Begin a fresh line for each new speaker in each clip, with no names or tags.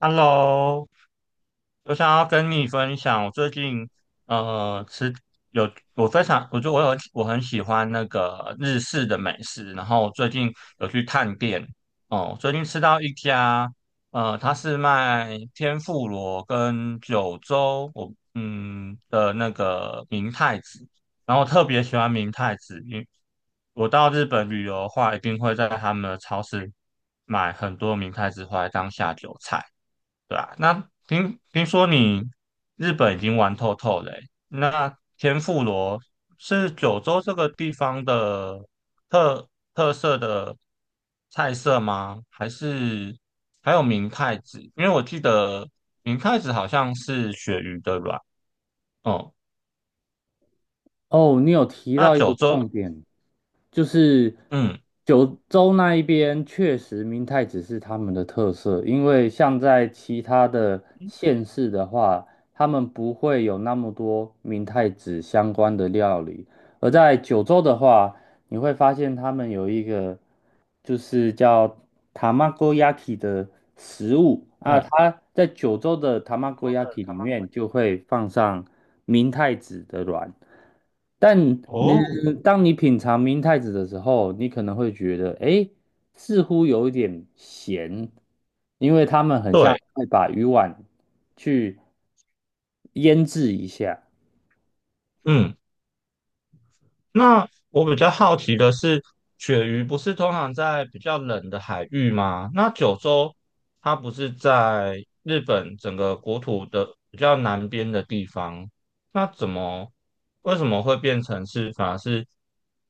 Hello，我想要跟你分享，我最近呃吃有我非常，我就我有我很喜欢那个日式的美食，然后我最近有去探店。哦，最近吃到一家，它是卖天妇罗跟九州的那个明太子，然后我特别喜欢明太子，因为我到日本旅游的话，一定会在他们的超市买很多明太子回来当下酒菜。对啊，那听说你日本已经玩透透了欸。那天妇罗是九州这个地方的特特色的菜色吗？还是还有明太子？因为我记得明太子好像是鳕鱼的卵哦。
哦，你有提
那
到一个
九州，
重点，就是
嗯
九州那一边确实明太子是他们的特色，因为像在其他的县市的话，他们不会有那么多明太子相关的料理，而在九州的话，你会发现他们有一个就是叫 tamagoyaki 的食物啊，
嗯，
它在九州的
九州的
tamagoyaki 里面
tamagotchi
就会放上明太子的卵，但你
哦，
当你品尝明太子的时候，你可能会觉得，哎，似乎有一点咸，因为他们很像
对，
会把鱼丸去腌制一下。
嗯。那我比较好奇的是，鳕鱼不是通常在比较冷的海域吗？那九州它不是在日本整个国土的比较南边的地方，那怎么为什么会变成是反而是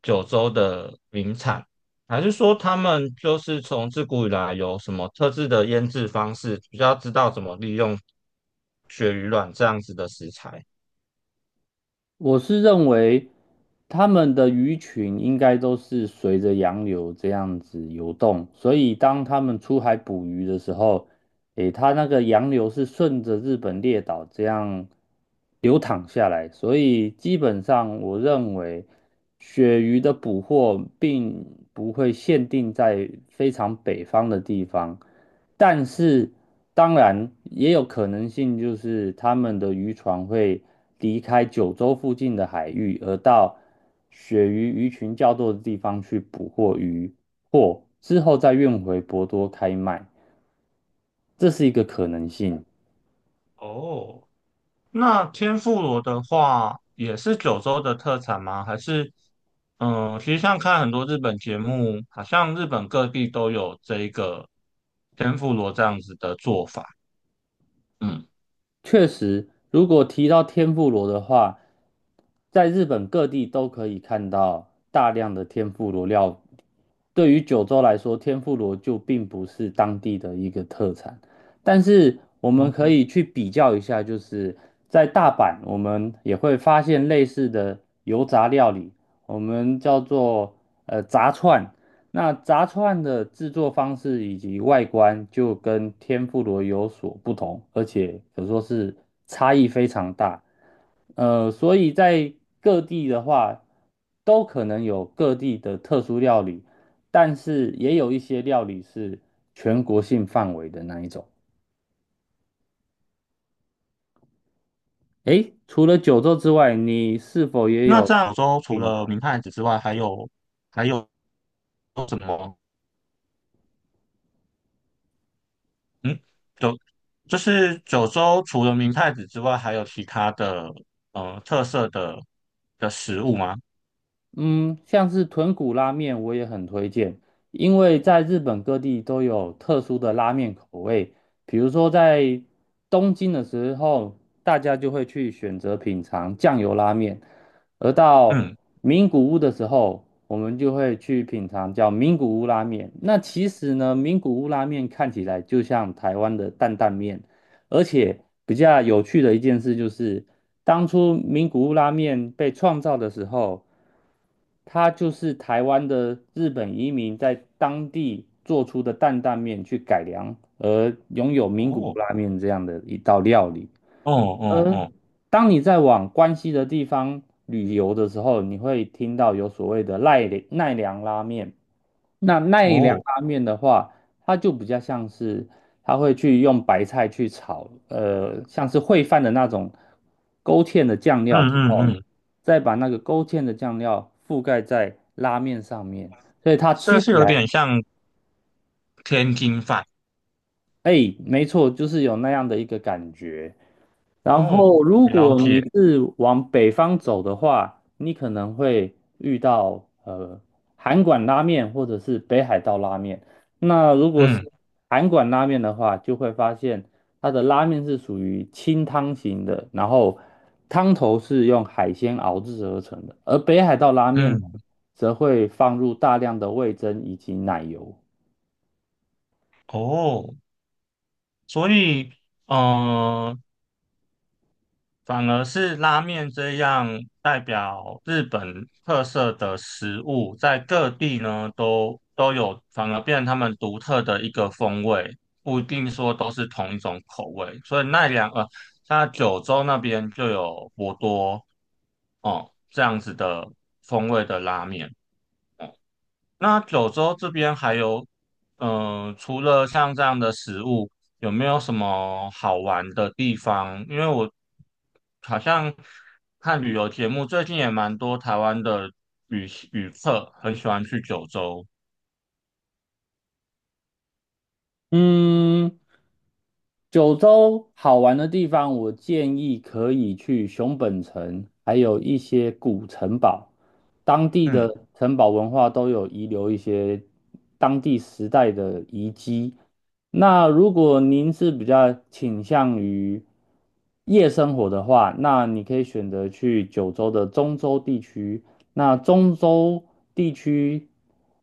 九州的名产？还是说他们就是从自古以来有什么特制的腌制方式，比较知道怎么利用鳕鱼卵这样子的食材？
我是认为他们的鱼群应该都是随着洋流这样子游动，所以当他们出海捕鱼的时候，诶，它那个洋流是顺着日本列岛这样流淌下来，所以基本上我认为鳕鱼的捕获并不会限定在非常北方的地方，但是当然也有可能性就是他们的渔船会离开九州附近的海域，而到鳕鱼鱼群较多的地方去捕获鱼或之后再运回博多开卖。这是一个可能性。
哦，那天妇罗的话，也是九州的特产吗？还是，其实像看很多日本节目，好像日本各地都有这一个天妇罗这样子的做法。嗯，
确实，如果提到天妇罗的话，在日本各地都可以看到大量的天妇罗料对于九州来说，天妇罗就并不是当地的一个特产，但是我们
哦，
可以去比较一下，就是在大阪，我们也会发现类似的油炸料理，我们叫做炸串。那炸串的制作方式以及外观就跟天妇罗有所不同，而且可说是差异非常大。所以在各地的话，都可能有各地的特殊料理，但是也有一些料理是全国性范围的那一种。诶，除了九州之外，你是否也
那这
有
样九州除
品
了明
尝
太子之外，还有什么？嗯，就就是九州除了明太子之外，还有其他的特色的食物吗？
嗯，像是豚骨拉面，我也很推荐，因为在日本各地都有特殊的拉面口味，比如说在东京的时候，大家就会去选择品尝酱油拉面，而到
嗯，
名古屋的时候，我们就会去品尝叫名古屋拉面。那其实呢，名古屋拉面看起来就像台湾的担担面，而且比较有趣的一件事就是，当初名古屋拉面被创造的时候。它就是台湾的日本移民在当地做出的担担面去改良，而拥有名古屋
哦，
拉面这样的一道料理。
哦哦
而
哦
当你在往关西的地方旅游的时候，你会听到有所谓的奈良拉面。那奈良
哦，
拉面的话，它就比较像是，它会去用白菜去炒，像是烩饭的那种勾芡的酱
嗯
料之后
嗯嗯。
再把那个勾芡的酱料覆盖在拉面上面，所以它
这
吃起
是有
来，
点像天津饭
哎，没错，就是有那样的一个感觉。然
哦，
后，如
了
果你
解，
是往北方走的话，你可能会遇到韩馆拉面或者是北海道拉面。那如果
嗯
是韩馆拉面的话，就会发现它的拉面是属于清汤型的，然后汤头是用海鲜熬制而成的，而北海道拉面
嗯，
则会放入大量的味噌以及奶油。
哦，所以呃，反而是拉面这样代表日本特色的食物，在各地呢都有，反而变成他们独特的一个风味，不一定说都是同一种口味，所以，它九州那边就有博多哦这样子的风味的拉面。那九州这边还有，除了像这样的食物，有没有什么好玩的地方？因为我好像看旅游节目，最近也蛮多台湾的旅客很喜欢去九州。
嗯，九州好玩的地方，我建议可以去熊本城，还有一些古城堡，当地的
嗯，
城堡文化都有遗留一些当地时代的遗迹。那如果您是比较倾向于夜生活的话，那你可以选择去九州的中州地区。那中州地区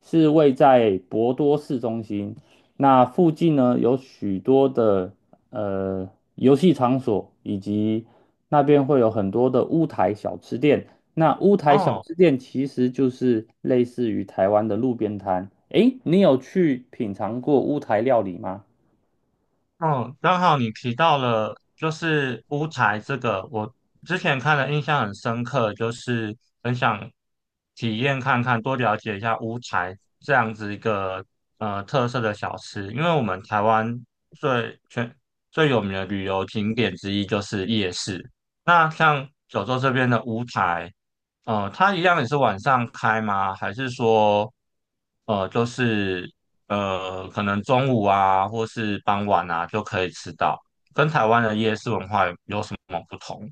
是位在博多市中心。那附近呢，有许多的呃游戏场所，以及那边会有很多的乌台小吃店。那乌台小
哦。
吃店其实就是类似于台湾的路边摊。诶，你有去品尝过乌台料理吗？
哦，刚好你提到了就是乌台这个，我之前看了印象很深刻，就是很想体验看看，多了解一下乌台这样子一个特色的小吃，因为我们台湾最全最有名的旅游景点之一就是夜市。那像九州这边的乌台，它一样也是晚上开吗？还是说就是可能中午啊，或是傍晚啊，就可以吃到。跟台湾的夜市文化有什么不同？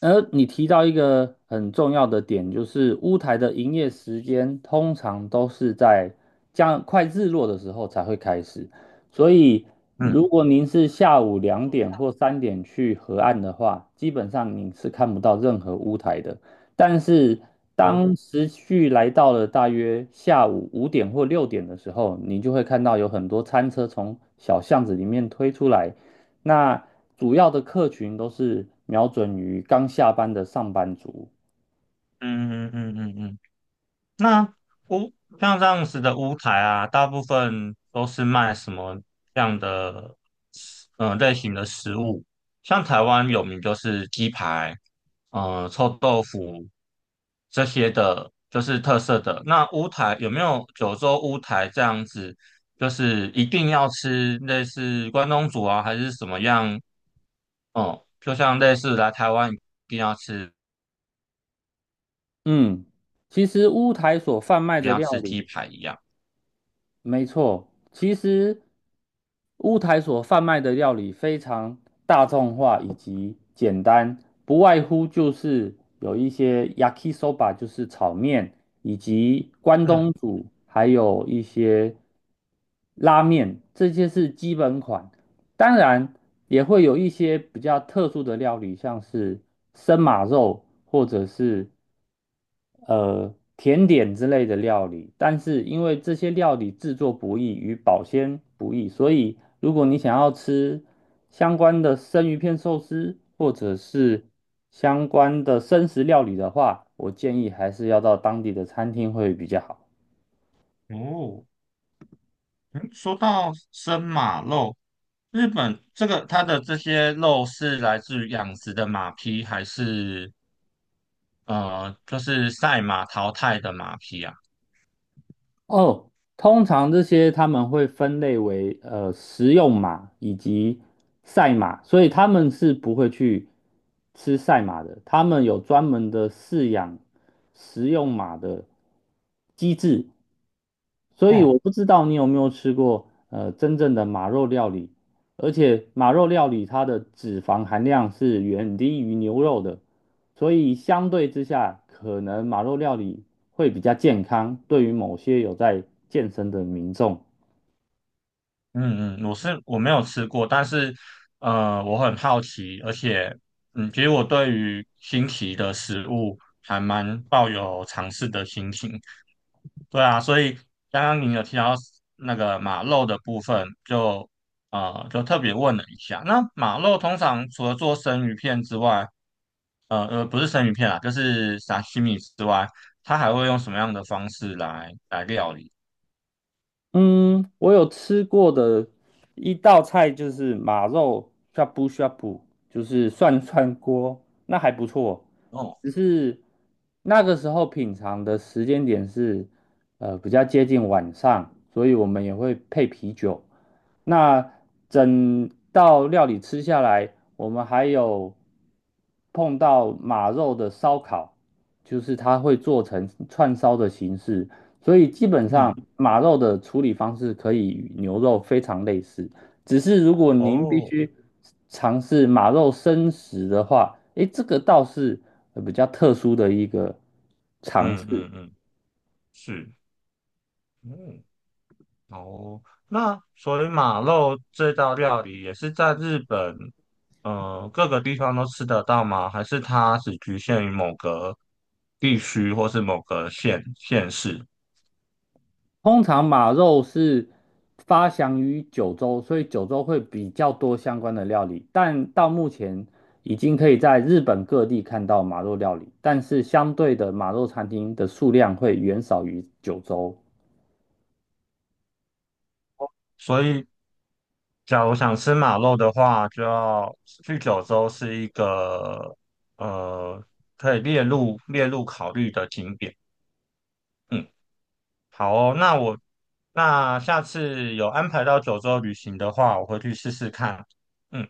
而你提到一个很重要的点，就是乌台的营业时间通常都是在将快日落的时候才会开始，所以
嗯，
如果您是下午2点或3点去河岸的话，基本上你是看不到任何乌台的。但是当
哦，
时序来到了大约下午5点或6点的时候，你就会看到有很多餐车从小巷子里面推出来，那主要的客群都是瞄准于刚下班的上班族。
嗯嗯嗯嗯嗯。那屋像这样子的屋台啊，大部分都是卖什么样的类型的食物？像台湾有名就是鸡排，臭豆腐这些的，就是特色的。那屋台有没有九州屋台这样子？就是一定要吃类似关东煮啊，还是什么样？哦、就像类似来台湾定要吃，
嗯，其实乌台所贩卖
一定
的
要
料
吃鸡
理
排一样。
没错，其实乌台所贩卖的料理非常大众化以及简单，不外乎就是有一些 yakisoba，就是炒面，以及关
嗯，
东煮，还有一些拉面，这些是基本款。当然，也会有一些比较特殊的料理，像是生马肉或者是甜点之类的料理，但是因为这些料理制作不易与保鲜不易，所以如果你想要吃相关的生鱼片寿司或者是相关的生食料理的话，我建议还是要到当地的餐厅会比较好。
哦。嗯说到生马肉，日本这个它的这些肉是来自于养殖的马匹，还是就是赛马淘汰的马匹啊？
哦，通常这些他们会分类为食用马以及赛马，所以他们是不会去吃赛马的。他们有专门的饲养食用马的机制，所以
哦、
我不知道你有没有吃过真正的马肉料理，而且马肉料理它的脂肪含量是远低于牛肉的。所以相对之下，可能马肉料理会比较健康，对于某些有在健身的民众
嗯嗯，我没有吃过，但是我很好奇，而且其实我对于新奇的食物还蛮抱有尝试的心情。对啊，所以刚刚你有提到那个马肉的部分，就特别问了一下。那马肉通常除了做生鱼片之外，不是生鱼片啦，就是沙西米之外，它还会用什么样的方式来料理？
嗯，我有吃过的一道菜就是马肉 shabu s 就是涮涮锅，那还不错。
哦，
只是那个时候品尝的时间点是比较接近晚上，所以我们也会配啤酒。那整道料理吃下来，我们还有碰到马肉的烧烤，就是它会做成串烧的形式。所以基本上
嗯，
马肉的处理方式可以与牛肉非常类似，只是如果您必
哦，
须尝试马肉生食的话，诶，这个倒是比较特殊的一个尝
嗯
试。
嗯嗯，是。嗯，哦，那所以马肉这道料理也是在日本，各个地方都吃得到吗？还是它只局限于某个地区或是某个县市？
通常马肉是发祥于九州，所以九州会比较多相关的料理，但到目前已经可以在日本各地看到马肉料理，但是相对的马肉餐厅的数量会远少于九州。
所以，假如想吃马肉的话，就要去九州是一个呃可以列入考虑的景点。嗯，好哦，那下次有安排到九州旅行的话，我会去试试看。嗯。